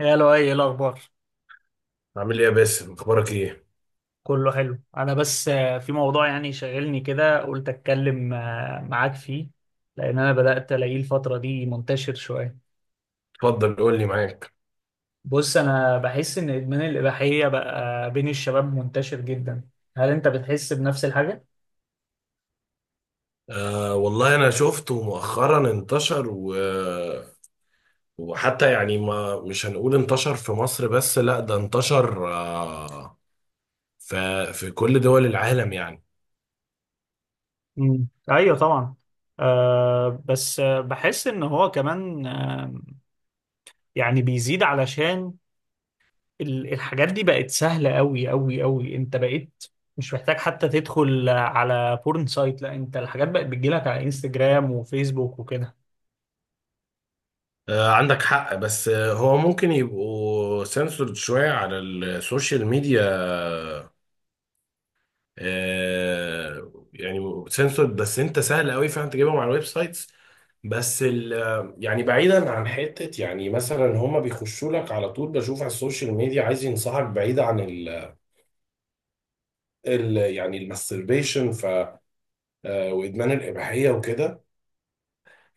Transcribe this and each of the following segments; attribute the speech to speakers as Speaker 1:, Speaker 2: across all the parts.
Speaker 1: يا لؤي، ايه الاخبار؟
Speaker 2: عامل ايه يا باسم، اخبارك ايه؟
Speaker 1: كله حلو. انا بس في موضوع، يعني شاغلني كده، قلت اتكلم معاك فيه، لان انا بدات الاقيه الفتره دي منتشر شويه.
Speaker 2: اتفضل قول لي معاك.
Speaker 1: بص، انا بحس ان ادمان الاباحيه بقى بين الشباب منتشر جدا. هل انت بتحس بنفس الحاجه؟
Speaker 2: آه والله انا شفته مؤخرا انتشر وحتى يعني ما مش هنقول انتشر في مصر بس، لا ده انتشر في كل دول العالم يعني.
Speaker 1: ايوه، طبعا. بس بحس ان هو كمان يعني بيزيد، علشان الحاجات دي بقت سهلة قوي قوي قوي. انت بقيت مش محتاج حتى تدخل على بورن سايت، لا انت الحاجات بقت بتجيلك على انستجرام وفيسبوك وكده.
Speaker 2: آه عندك حق، بس هو ممكن يبقوا سنسورد شوية على السوشيال ميديا، يعني سنسورد، بس انت سهل قوي فعلا تجيبهم على الويب سايتس. بس ال يعني بعيدا عن حتة، يعني مثلا هما بيخشوا لك على طول، بشوف على السوشيال ميديا عايز ينصحك بعيد عن ال يعني الماستربيشن، ف آه، وادمان الاباحية وكده.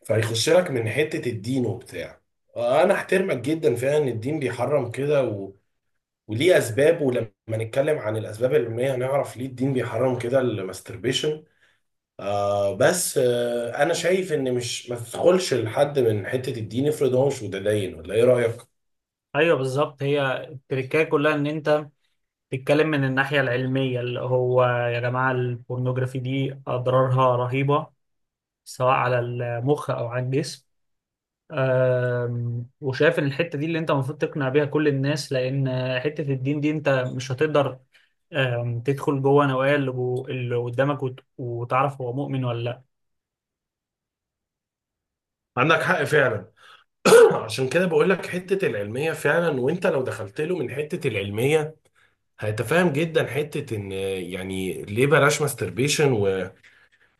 Speaker 2: فيخش لك من حتة الدين وبتاع، انا احترمك جدا فعلا ان الدين بيحرم كده، وليه اسباب، ولما نتكلم عن الاسباب العلميه هنعرف ليه الدين بيحرم كده الماستربيشن. آه بس آه انا شايف ان مش ما تدخلش لحد من حته الدين، افرض هو مش متدين، ولا ايه رايك؟
Speaker 1: ايوه، بالظبط. هي التركية كلها ان انت تتكلم من الناحية العلمية، اللي هو يا جماعة البورنوجرافي دي اضرارها رهيبة، سواء على المخ او على الجسم. وشايف ان الحته دي اللي انت المفروض تقنع بيها كل الناس، لان حته الدين دي انت مش هتقدر تدخل جوه نوايا اللي اللي قدامك وتعرف هو مؤمن ولا لا.
Speaker 2: عندك حق فعلا. عشان كده بقول لك حتة العلمية فعلا، وانت لو دخلت له من حتة العلمية هيتفاهم جدا حتة ان يعني ليه بلاش ماستربيشن و-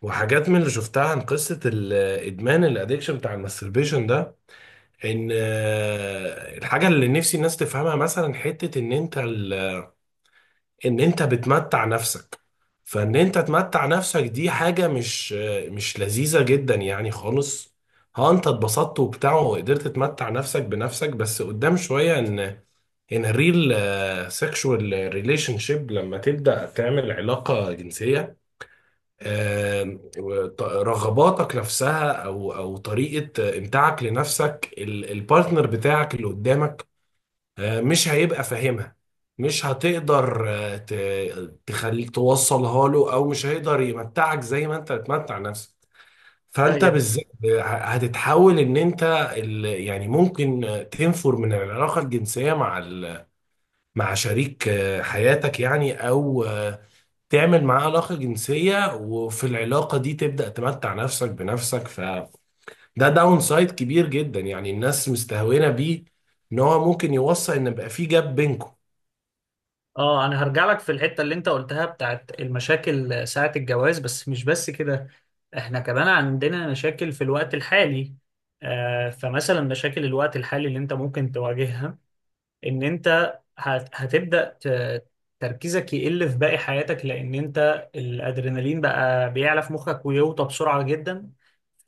Speaker 2: وحاجات من اللي شفتها عن قصة الادمان، الادكشن بتاع الماستربيشن ده. ان آه، الحاجة اللي نفسي الناس تفهمها مثلا حتة ان انت ال ان انت بتمتع نفسك، فان انت تمتع نفسك دي حاجة مش لذيذة جدا يعني خالص. ها انت اتبسطت وبتاع وقدرت تمتع نفسك بنفسك، بس قدام شوية ان الريل سexual ريليشن شيب، لما تبدأ تعمل علاقة جنسية، رغباتك نفسها، او طريقة امتاعك لنفسك، البارتنر بتاعك اللي قدامك مش هيبقى فاهمها، مش هتقدر تخلي توصلها له، او مش هيقدر يمتعك زي ما انت بتمتع نفسك. فانت
Speaker 1: ايوه،
Speaker 2: بالذات هتتحول، ان انت يعني ممكن تنفر من العلاقه الجنسيه مع مع شريك حياتك يعني، او تعمل معاه علاقه جنسيه وفي العلاقه دي تبدا تمتع نفسك بنفسك، فده داون سايد كبير جدا يعني، الناس مستهونه بيه. ان هو ممكن يوصل ان بقى في جاب بينكم.
Speaker 1: اه، انا هرجع لك في الحته اللي انت قلتها بتاعت المشاكل ساعه الجواز، بس مش بس كده، احنا كمان عندنا مشاكل في الوقت الحالي. فمثلا، مشاكل الوقت الحالي اللي انت ممكن تواجهها، ان انت هتبدأ تركيزك يقل في باقي حياتك، لان انت الادرينالين بقى بيعلى في مخك ويوطى بسرعة جدا،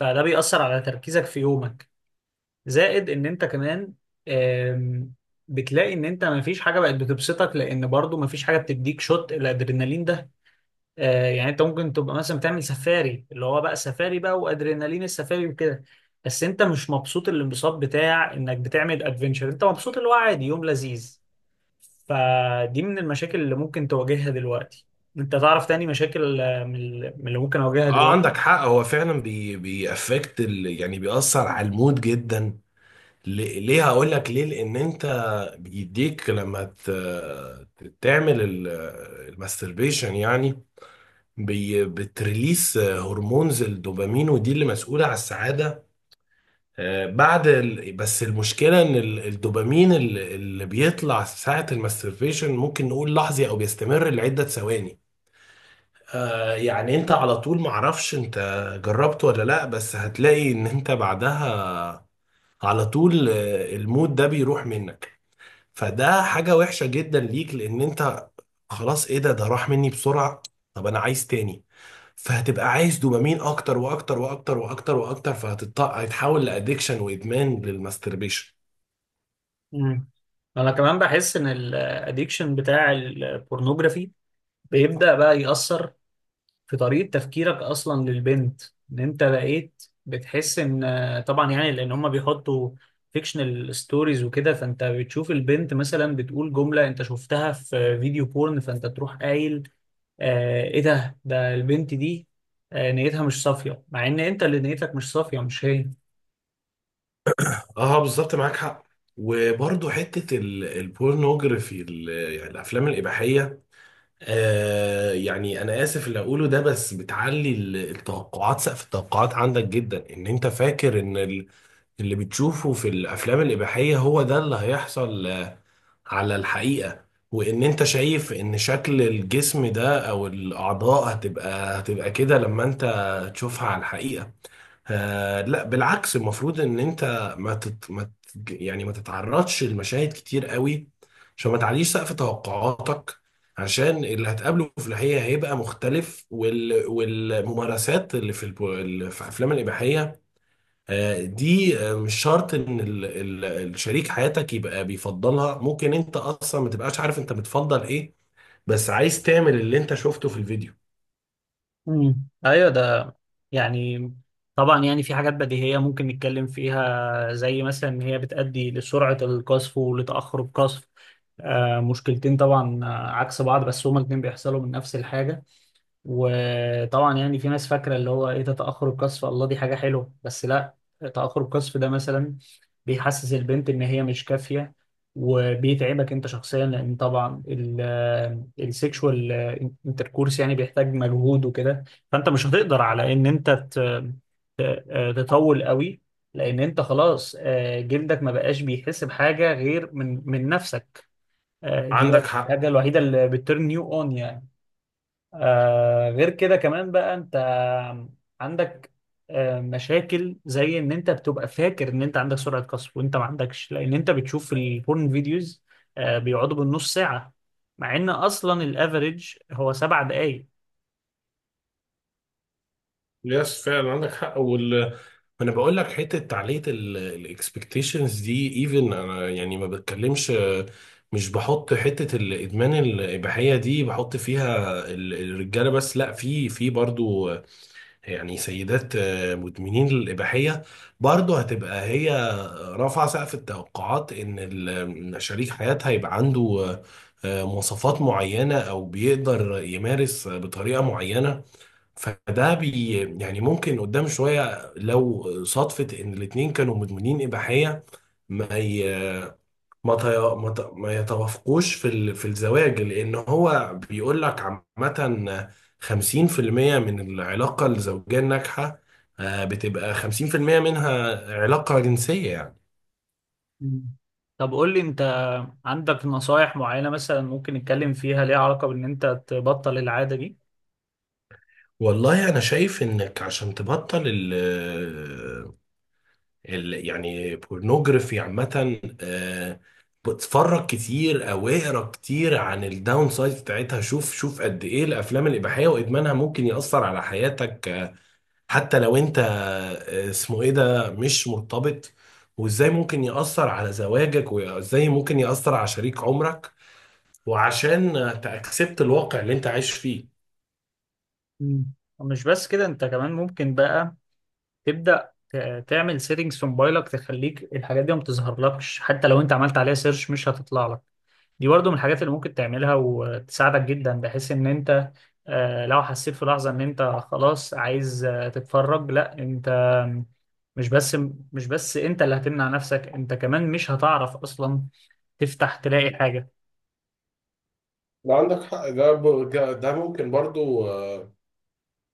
Speaker 1: فده بيأثر على تركيزك في يومك. زائد ان انت كمان آم، بتلاقي ان انت مفيش حاجة بقت بتبسطك، لان برضو مفيش حاجة بتديك شوت الادرينالين ده. يعني انت ممكن تبقى مثلا بتعمل سفاري، اللي هو بقى سفاري بقى وادرينالين السفاري وكده، بس انت مش مبسوط الانبساط بتاع انك بتعمل ادفنتشر، انت مبسوط اللي هو عادي يوم لذيذ. فدي من المشاكل اللي ممكن تواجهها دلوقتي. انت تعرف تاني مشاكل من من اللي ممكن اواجهها
Speaker 2: اه
Speaker 1: دلوقتي؟
Speaker 2: عندك حق، هو فعلا بيأفكت، ال... يعني بيأثر على المود جدا. ليه هقول لك ليه؟ لان انت بيديك لما تعمل الماستربيشن يعني بتريليس هرمونز الدوبامين، ودي اللي مسؤولة على السعادة. بس المشكلة ان الدوبامين اللي بيطلع ساعة الماستربيشن ممكن نقول لحظي او بيستمر لعدة ثواني. آه يعني انت على طول معرفش انت جربت ولا لا، بس هتلاقي ان انت بعدها على طول المود ده بيروح منك. فده حاجة وحشة جدا ليك، لان انت خلاص ايه ده؟ ده راح مني بسرعة، طب انا عايز تاني. فهتبقى عايز دوبامين اكتر واكتر واكتر واكتر واكتر، فهتتحول لادكشن وادمان للماستربيشن.
Speaker 1: مم. انا كمان بحس ان الاديكشن بتاع البورنوجرافي بيبدأ بقى يأثر في طريقة تفكيرك اصلا للبنت، ان انت بقيت بتحس ان طبعا يعني لان هم بيحطوا فيكشنال ستوريز وكده، فانت بتشوف البنت مثلا بتقول جملة انت شفتها في فيديو بورن، فانت تروح قايل ايه ده، ده البنت دي نيتها مش صافية، مع ان انت اللي نيتك مش صافية، مش هي.
Speaker 2: اه بالظبط، معاك حق. وبرضه حتة يعني الافلام الاباحية، انا اسف اللي اقوله ده، بس بتعلي التوقعات، سقف التوقعات عندك جدا، ان انت فاكر ان اللي بتشوفه في الافلام الاباحيه هو ده اللي هيحصل على الحقيقه. وان انت شايف ان شكل الجسم ده او الاعضاء هتبقى كده لما انت تشوفها على الحقيقه. آه لا بالعكس، المفروض ان انت ما يعني ما تتعرضش لمشاهد كتير قوي، عشان ما تعليش سقف توقعاتك، عشان اللي هتقابله في الحقيقة هيبقى مختلف. والممارسات اللي في اللي في افلام الإباحية دي مش شرط ان ال ال الشريك حياتك يبقى بيفضلها، ممكن انت اصلا ما تبقاش عارف انت بتفضل ايه، بس عايز تعمل اللي انت شفته في الفيديو.
Speaker 1: ايوه، ده يعني، طبعا يعني في حاجات بديهية ممكن نتكلم فيها، زي مثلا ان هي بتؤدي لسرعة القذف ولتأخر القذف. مشكلتين طبعا، عكس بعض، بس هما الاتنين بيحصلوا من نفس الحاجة. وطبعا يعني في ناس فاكره اللي هو ايه ده، تاخر القذف، الله دي حاجه حلوه، بس لا. تاخر القذف ده مثلا بيحسس البنت ان هي مش كافيه، وبيتعبك انت شخصيا، لان طبعا السيكشوال انتركورس يعني بيحتاج مجهود وكده. فانت مش هتقدر على ان انت تطول قوي، لان انت خلاص، جلدك ما بقاش بيحس بحاجه غير من نفسك. دي بقى
Speaker 2: عندك حق.
Speaker 1: الحاجه الوحيده اللي بترن يو اون، يعني. غير كده كمان، بقى انت عندك مشاكل زي ان انت بتبقى فاكر ان انت عندك سرعة قصف، وانت ما عندكش، لان انت بتشوف في البورن فيديوز بيقعدوا بالنص ساعة، مع ان اصلا الافريج هو 7 دقايق.
Speaker 2: يس فعلا عندك حق. انا بقول لك حته تعليق الاكسبكتيشنز دي، ايفن انا يعني ما بتكلمش، مش بحط حته الادمان الاباحيه دي، بحط فيها الرجاله بس، لا، في برضو يعني سيدات مدمنين الاباحيه برضو، هتبقى هي رافعه سقف التوقعات ان شريك حياتها يبقى عنده مواصفات معينه او بيقدر يمارس بطريقه معينه. فده بي يعني ممكن قدام شوية، لو صدفة إن الاتنين كانوا مدمنين إباحية ما ي... ما, ت... ما, ت... ما يتوافقوش في الزواج، لأن هو بيقول لك عامة 50% من العلاقة الزوجية الناجحة بتبقى 50% منها علاقة جنسية يعني.
Speaker 1: مم. طب قول لي، انت عندك نصايح معينة مثلا ممكن نتكلم فيها، ليها علاقة بان انت تبطل العادة دي؟
Speaker 2: والله أنا شايف إنك عشان تبطل يعني بورنوجرافي عامة، بتفرج كتير او اقرا كتير عن الداون سايد بتاعتها، شوف شوف قد ايه الافلام الاباحية وادمانها ممكن يأثر على حياتك، حتى لو انت اسمه ايه ده، مش مرتبط، وازاي ممكن يأثر على زواجك، وازاي ممكن يأثر على شريك عمرك، وعشان تأكسبت الواقع اللي انت عايش فيه.
Speaker 1: مم. ومش بس كده، انت كمان ممكن بقى تبدأ تعمل سيتنجز في موبايلك تخليك الحاجات دي ما بتظهرلكش، حتى لو انت عملت عليها سيرش مش هتطلع لك. دي برضو من الحاجات اللي ممكن تعملها وتساعدك جدا، بحيث ان انت لو حسيت في لحظة ان انت خلاص عايز تتفرج، لا انت مش بس مش بس انت اللي هتمنع نفسك، انت كمان مش هتعرف اصلا تفتح تلاقي حاجة.
Speaker 2: ده عندك حق، ده ب- ده ده ممكن برضو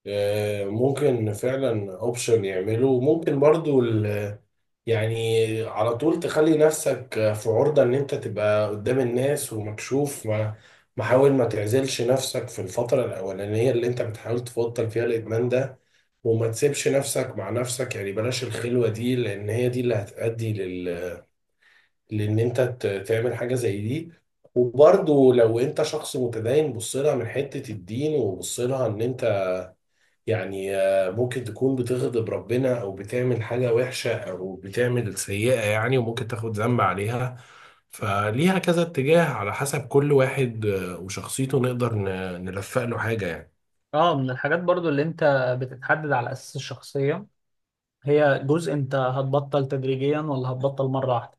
Speaker 2: ممكن فعلا اوبشن يعمله. ممكن برضو يعني على طول تخلي نفسك في عرضة ان انت تبقى قدام الناس ومكشوف، ما محاول ما تعزلش نفسك في الفترة الأولانية اللي انت بتحاول تبطل فيها الإدمان ده، وما تسيبش نفسك مع نفسك يعني، بلاش الخلوة دي، لأن هي دي اللي هتؤدي لأن انت تعمل حاجة زي دي. وبرضو لو انت شخص متدين بص لها من حتة الدين، وبص لها ان انت يعني ممكن تكون بتغضب ربنا او بتعمل حاجة وحشة او بتعمل سيئة يعني، وممكن تاخد ذنب عليها. فليها كذا اتجاه على حسب كل واحد وشخصيته، نقدر نلفق له حاجة يعني.
Speaker 1: اه، من الحاجات برضو اللي انت بتتحدد على اساس الشخصية، هي جزء انت هتبطل تدريجيا ولا هتبطل مرة واحدة؟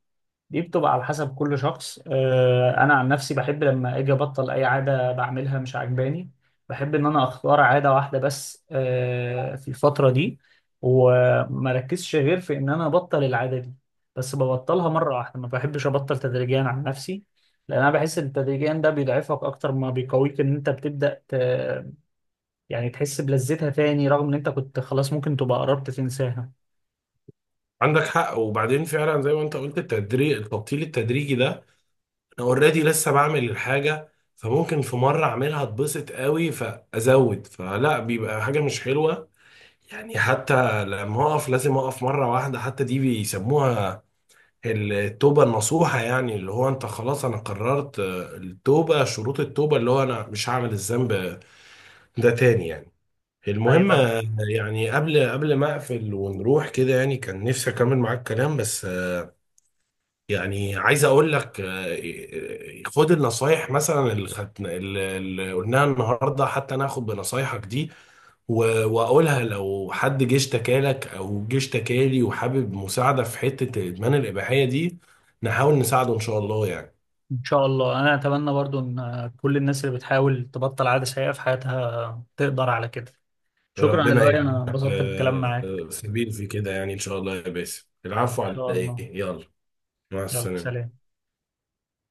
Speaker 1: دي بتبقى على حسب كل شخص. انا عن نفسي بحب لما اجي ابطل اي عاده بعملها مش عاجباني. بحب ان انا اختار عاده واحده بس في الفتره دي، وما ركزش غير في ان انا ابطل العاده دي. بس ببطلها مره واحده، ما بحبش ابطل تدريجيا عن نفسي، لان انا بحس ان تدريجيا ده بيضعفك اكتر ما بيقويك، ان انت بتبدا يعني تحس بلذتها تاني، رغم ان انت كنت خلاص ممكن تبقى قربت تنساها.
Speaker 2: عندك حق. وبعدين فعلا زي ما انت قلت، التدريج، التبطيل التدريجي ده انا اوريدي لسه بعمل الحاجة، فممكن في مرة اعملها اتبسط قوي فازود، فلا بيبقى حاجة مش حلوة. يعني حتى لما اقف لازم اقف مرة واحدة، حتى دي بيسموها التوبة النصوحة، يعني اللي هو انت خلاص انا قررت التوبة، شروط التوبة اللي هو انا مش هعمل الذنب ده تاني يعني. المهم
Speaker 1: ايوه،
Speaker 2: يعني قبل ما اقفل ونروح كده، يعني كان نفسي اكمل معاك كلام، بس يعني عايز اقول لك، خد النصايح مثلا اللي خدنا، اللي قلناها النهارده، حتى ناخد بنصايحك دي واقولها لو حد جه اشتكالك او جه اشتكالي، وحابب مساعده في حته الادمان الاباحيه دي نحاول نساعده ان شاء الله يعني.
Speaker 1: ان شاء الله، انا اتمنى برضو ان كل الناس اللي بتحاول تبطل عادة سيئة في حياتها تقدر على كده. شكرا يا
Speaker 2: ربنا
Speaker 1: لؤي، انا
Speaker 2: يجعل لك
Speaker 1: انبسطت بالكلام معاك. ان
Speaker 2: سبيل في كده يعني ان شاء الله يا باسم. العفو على
Speaker 1: شاء
Speaker 2: ايه،
Speaker 1: الله،
Speaker 2: يلا مع
Speaker 1: يلا
Speaker 2: السلامه.
Speaker 1: سلام.